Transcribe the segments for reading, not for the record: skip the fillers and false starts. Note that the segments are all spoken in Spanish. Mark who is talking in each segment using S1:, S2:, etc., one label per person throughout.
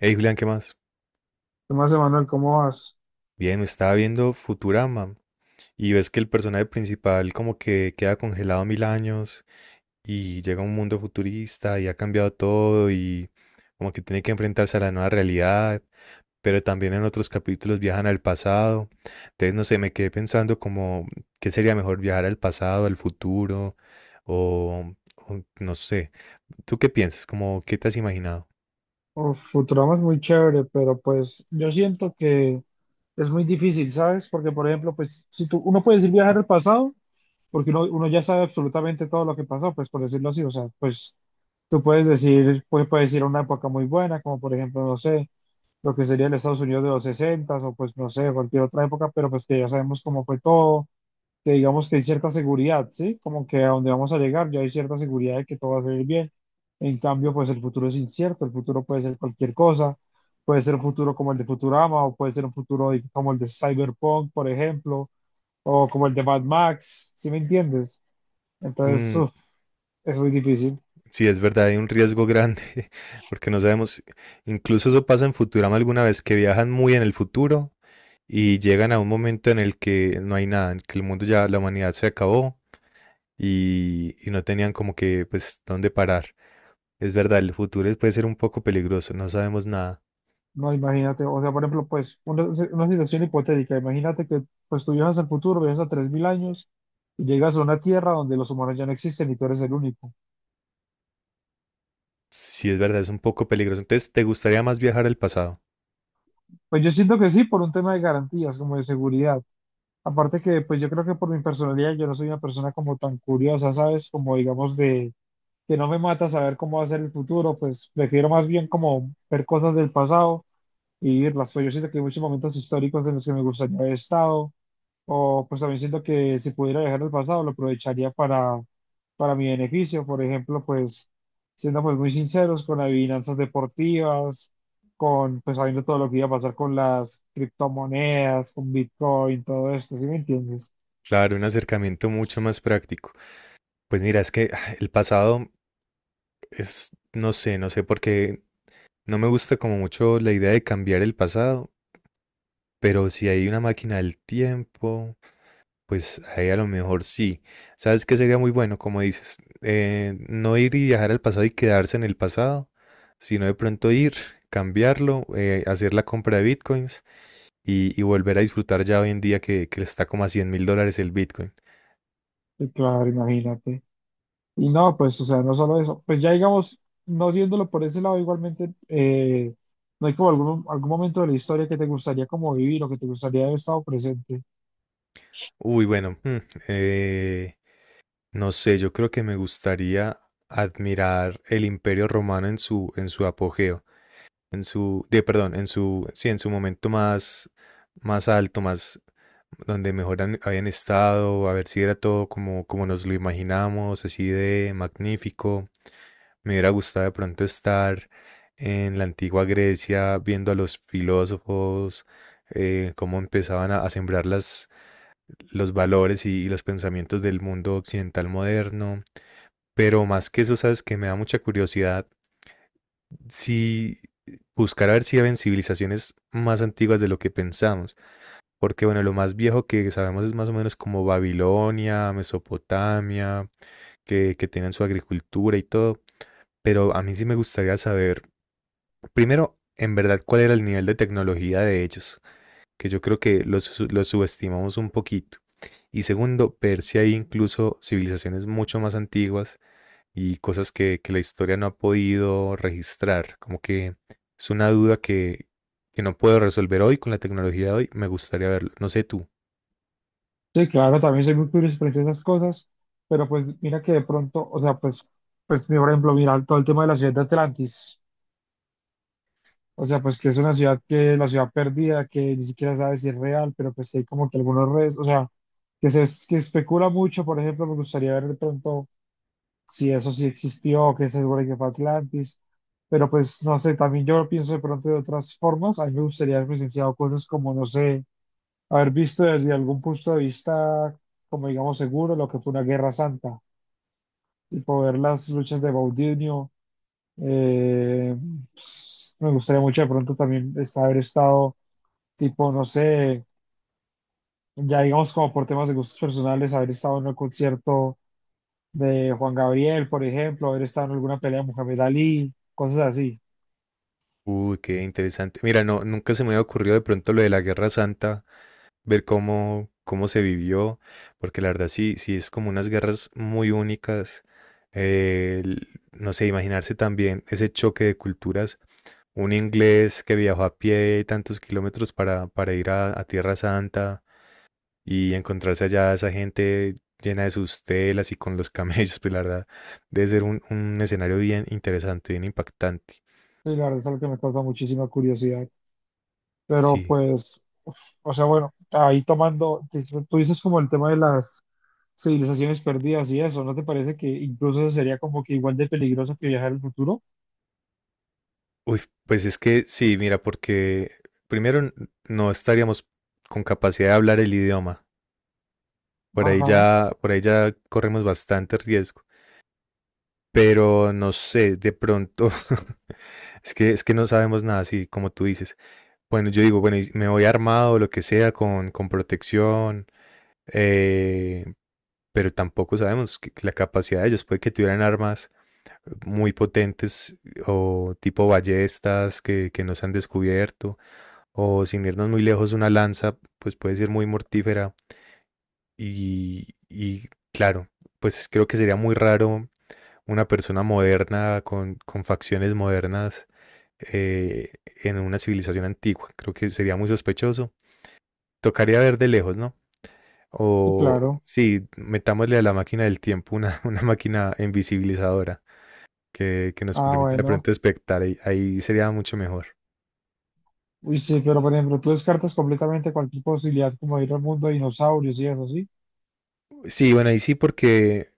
S1: Hey Julián, ¿qué más?
S2: ¿Qué más, Emanuel? ¿Cómo vas?
S1: Bien, estaba viendo Futurama y ves que el personaje principal como que queda congelado 1000 años y llega a un mundo futurista y ha cambiado todo y como que tiene que enfrentarse a la nueva realidad, pero también en otros capítulos viajan al pasado. Entonces, no sé, me quedé pensando como qué sería mejor viajar al pasado, al futuro o, o no sé. ¿Tú qué piensas? Como, ¿qué te has imaginado?
S2: Uf, Futurama es muy chévere, pero pues yo siento que es muy difícil, ¿sabes? Porque, por ejemplo, pues si tú, uno puede decir viajar al pasado, porque uno ya sabe absolutamente todo lo que pasó, pues por decirlo así, o sea, pues tú puedes decir, pues puedes ir a una época muy buena, como por ejemplo, no sé, lo que sería el Estados Unidos de los 60 o pues no sé, cualquier otra época, pero pues que ya sabemos cómo fue todo, que digamos que hay cierta seguridad, ¿sí? Como que a donde vamos a llegar ya hay cierta seguridad de que todo va a salir bien. En cambio, pues el futuro es incierto, el futuro puede ser cualquier cosa, puede ser un futuro como el de Futurama o puede ser un futuro como el de Cyberpunk, por ejemplo, o como el de Mad Max, ¿sí me entiendes? Entonces, uf, es muy difícil.
S1: Sí, es verdad, hay un riesgo grande, porque no sabemos, incluso eso pasa en Futurama alguna vez, que viajan muy en el futuro y llegan a un momento en el que no hay nada, en el que el mundo ya, la humanidad se acabó y no tenían como que, pues, dónde parar. Es verdad, el futuro es- puede ser un poco peligroso, no sabemos nada.
S2: No, imagínate, o sea, por ejemplo, pues una situación hipotética, imagínate que pues tú viajas al futuro, viajas a 3000 años y llegas a una tierra donde los humanos ya no existen y tú eres el único.
S1: Sí, es verdad, es un poco peligroso. Entonces, ¿te gustaría más viajar al pasado?
S2: Pues yo siento que sí, por un tema de garantías, como de seguridad. Aparte que, pues yo creo que por mi personalidad, yo no soy una persona como tan curiosa, ¿sabes? Como digamos de que no me mata saber cómo va a ser el futuro, pues prefiero más bien como ver cosas del pasado y vivirlas. Pues yo siento que hay muchos momentos históricos en los que me gustaría haber estado, o pues también siento que si pudiera viajar al pasado, lo aprovecharía para mi beneficio. Por ejemplo, pues siendo pues muy sinceros con adivinanzas deportivas, con pues sabiendo todo lo que iba a pasar con las criptomonedas, con Bitcoin, todo esto, ¿sí me entiendes?
S1: Claro, un acercamiento mucho más práctico. Pues mira, es que el pasado es, no sé, no sé por qué. No me gusta como mucho la idea de cambiar el pasado, pero si hay una máquina del tiempo, pues ahí a lo mejor sí. ¿Sabes qué sería muy bueno? Como dices, no ir y viajar al pasado y quedarse en el pasado, sino de pronto ir, cambiarlo, hacer la compra de bitcoins y volver a disfrutar ya hoy en día que está como a $100.000 el bitcoin.
S2: Y claro, imagínate. Y no, pues, o sea, no solo eso. Pues ya digamos, no viéndolo por ese lado, igualmente, ¿no hay como algún momento de la historia que te gustaría como vivir o que te gustaría haber estado presente?
S1: Uy, bueno, eh, no sé, yo creo que me gustaría admirar el imperio romano en su apogeo. En su, de, perdón, en su, sí, en su momento más, más alto, más donde mejor habían estado, a ver si era todo como, como nos lo imaginamos, así de magnífico. Me hubiera gustado de pronto estar en la antigua Grecia viendo a los filósofos, cómo empezaban a sembrar las, los valores y los pensamientos del mundo occidental moderno. Pero más que eso, sabes que me da mucha curiosidad si buscar a ver si habían civilizaciones más antiguas de lo que pensamos. Porque, bueno, lo más viejo que sabemos es más o menos como Babilonia, Mesopotamia, que tenían su agricultura y todo. Pero a mí sí me gustaría saber, primero, en verdad, cuál era el nivel de tecnología de ellos, que yo creo que los subestimamos un poquito. Y segundo, ver si hay incluso civilizaciones mucho más antiguas y cosas que la historia no ha podido registrar. Como que es una duda que no puedo resolver hoy con la tecnología de hoy. Me gustaría verlo. No sé tú.
S2: Sí, claro, también soy muy curioso frente a esas cosas, pero pues mira que de pronto, o sea, pues, pues mira, por ejemplo, mira todo el tema de la ciudad de Atlantis, o sea, pues que es una ciudad que es la ciudad perdida, que ni siquiera sabe si es real, pero pues que hay como que algunos redes, o sea, que se que especula mucho, por ejemplo, me gustaría ver de pronto si eso sí existió, que se supone que fue Atlantis, pero pues no sé, también yo pienso de pronto de otras formas, a mí me gustaría haber presenciado cosas como, no sé, haber visto desde algún punto de vista, como digamos, seguro lo que fue una guerra santa, y poder las luchas de Baudinio. eh, pues, me gustaría mucho de pronto también haber estado, tipo, no sé, ya digamos como por temas de gustos personales, haber estado en un concierto de Juan Gabriel, por ejemplo, haber estado en alguna pelea de Muhammad Ali, cosas así.
S1: Uy, qué interesante. Mira, no, nunca se me había ocurrido de pronto lo de la Guerra Santa, ver cómo, cómo se vivió, porque la verdad sí, sí es como unas guerras muy únicas. No sé, imaginarse también ese choque de culturas. Un inglés que viajó a pie tantos kilómetros para ir a Tierra Santa, y encontrarse allá esa gente llena de sus telas y con los camellos, pues la verdad, debe ser un escenario bien interesante, bien impactante.
S2: Y la verdad es algo que me causa muchísima curiosidad. Pero
S1: Sí.
S2: pues, o sea, bueno, ahí tomando, tú dices como el tema de las civilizaciones perdidas y eso, ¿no te parece que incluso eso sería como que igual de peligroso que viajar al futuro?
S1: Uy, pues es que sí, mira, porque primero no estaríamos con capacidad de hablar el idioma.
S2: Ajá,
S1: Por ahí ya corremos bastante riesgo. Pero no sé, de pronto, es que no sabemos nada, sí, como tú dices. Bueno, yo digo, bueno, y me voy armado, lo que sea, con protección, eh, pero tampoco sabemos que- la capacidad de ellos. Puede que tuvieran armas muy potentes o tipo ballestas que no se han descubierto, o sin irnos muy lejos, una lanza, pues puede ser muy mortífera. Y claro, pues creo que sería muy raro una persona moderna con facciones modernas eh, en una civilización antigua. Creo que sería muy sospechoso. Tocaría ver de lejos, ¿no?
S2: sí,
S1: O
S2: claro.
S1: sí, metámosle a la máquina del tiempo una, una máquina invisibilizadora que nos
S2: Ah,
S1: permita de
S2: bueno.
S1: pronto espectar. Ahí, ahí sería mucho mejor.
S2: Uy, sí, pero por ejemplo, tú descartas completamente cualquier posibilidad como ir al mundo de dinosaurios y eso, ¿sí?
S1: Sí, bueno, ahí sí porque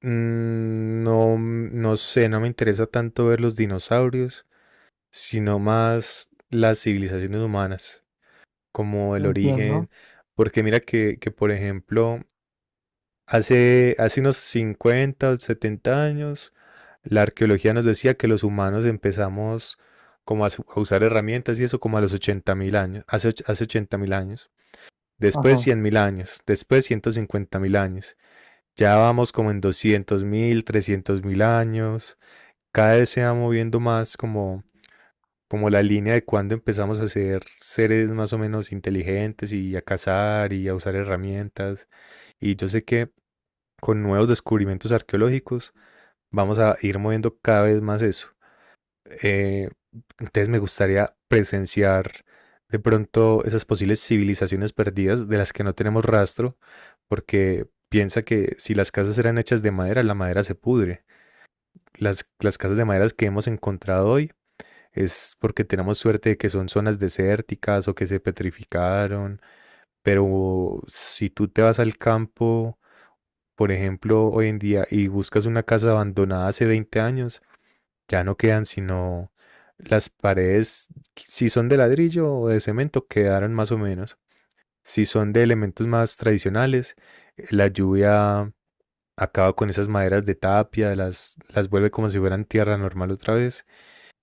S1: no, no sé, no me interesa tanto ver los dinosaurios, sino más las civilizaciones humanas, como
S2: Lo
S1: el
S2: entiendo.
S1: origen. Porque mira que por ejemplo, hace, hace unos 50, o 70 años, la arqueología nos decía que los humanos empezamos como a usar herramientas y eso como a los 80.000 años, hace, hace 80.000 años, después
S2: Ajá.
S1: 100.000 años, después 150.000 años, ya vamos como en 200.000, 300.000 años, cada vez se va moviendo más como, como la línea de cuando empezamos a ser seres más o menos inteligentes y a cazar y a usar herramientas. Y yo sé que con nuevos descubrimientos arqueológicos, vamos a ir moviendo cada vez más eso. Eh, entonces me gustaría presenciar de pronto esas posibles civilizaciones perdidas de las que no tenemos rastro, porque piensa que si las casas eran hechas de madera, la madera se pudre. Las casas de madera que hemos encontrado hoy es porque tenemos suerte de que son zonas desérticas o que se petrificaron, pero si tú te vas al campo por ejemplo, hoy en día, y buscas una casa abandonada hace 20 años, ya no quedan sino las paredes, si son de ladrillo o de cemento, quedaron más o menos. Si son de elementos más tradicionales, la lluvia acaba con esas maderas de tapia, las vuelve como si fueran tierra normal otra vez.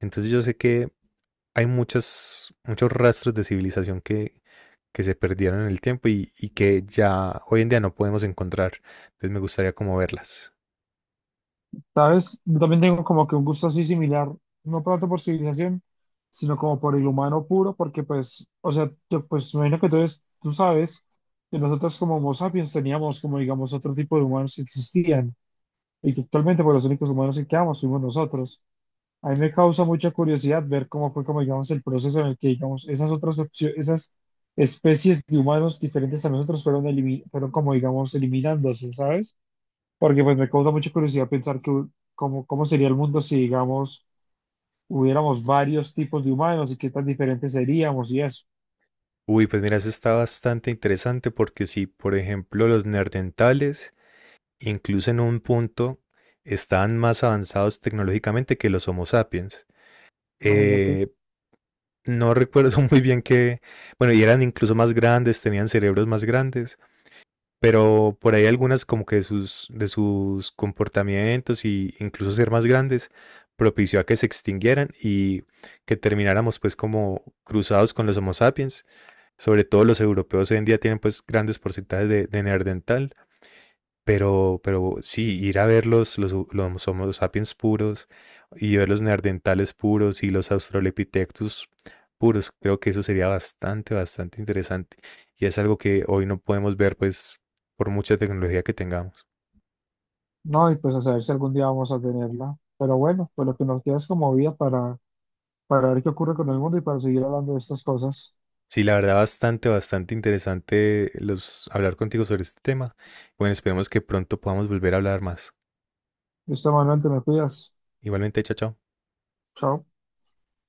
S1: Entonces yo sé que hay muchos, muchos rastros de civilización que se perdieron en el tiempo y que ya hoy en día no podemos encontrar. Entonces me gustaría como verlas.
S2: ¿Sabes? Yo también tengo como que un gusto así similar, no tanto por civilización, sino como por el humano puro, porque pues, o sea, yo pues me imagino que tú, tú sabes que nosotros como Homo sapiens teníamos como digamos otro tipo de humanos que existían. Y que actualmente, pues los únicos humanos que quedamos fuimos nosotros. A mí me causa mucha curiosidad ver cómo fue, como digamos, el proceso en el que, digamos, esas esas especies de humanos diferentes a nosotros fueron, fueron como, digamos, eliminándose, ¿sabes? Porque pues me causa mucha curiosidad pensar que, cómo, cómo sería el mundo si, digamos, hubiéramos varios tipos de humanos y qué tan diferentes seríamos y eso.
S1: Uy, pues mira, eso está bastante interesante porque si, por ejemplo, los neandertales, incluso en un punto, estaban más avanzados tecnológicamente que los Homo sapiens.
S2: Imagínate.
S1: Eh, no recuerdo muy bien qué, bueno, y eran incluso más grandes, tenían cerebros más grandes, pero por ahí algunas como que de sus comportamientos y incluso ser más grandes propició a que se extinguieran y que termináramos pues como cruzados con los Homo sapiens. Sobre todo los europeos hoy en día tienen pues grandes porcentajes de neandertal, pero sí, ir a ver los Homo sapiens puros y ver los neandertales puros y los australopithecus puros, creo que eso sería bastante, bastante interesante. Y es algo que hoy no podemos ver pues por mucha tecnología que tengamos.
S2: No, y pues a saber si algún día vamos a tenerla. Pero bueno, pues lo que nos queda es como vida para ver qué ocurre con el mundo y para seguir hablando de estas cosas.
S1: Sí, la verdad, bastante, bastante interesante los, hablar contigo sobre este tema. Bueno, esperemos que pronto podamos volver a hablar más.
S2: Listo, Manuel, te me cuidas.
S1: Igualmente, chao, chao.
S2: Chao.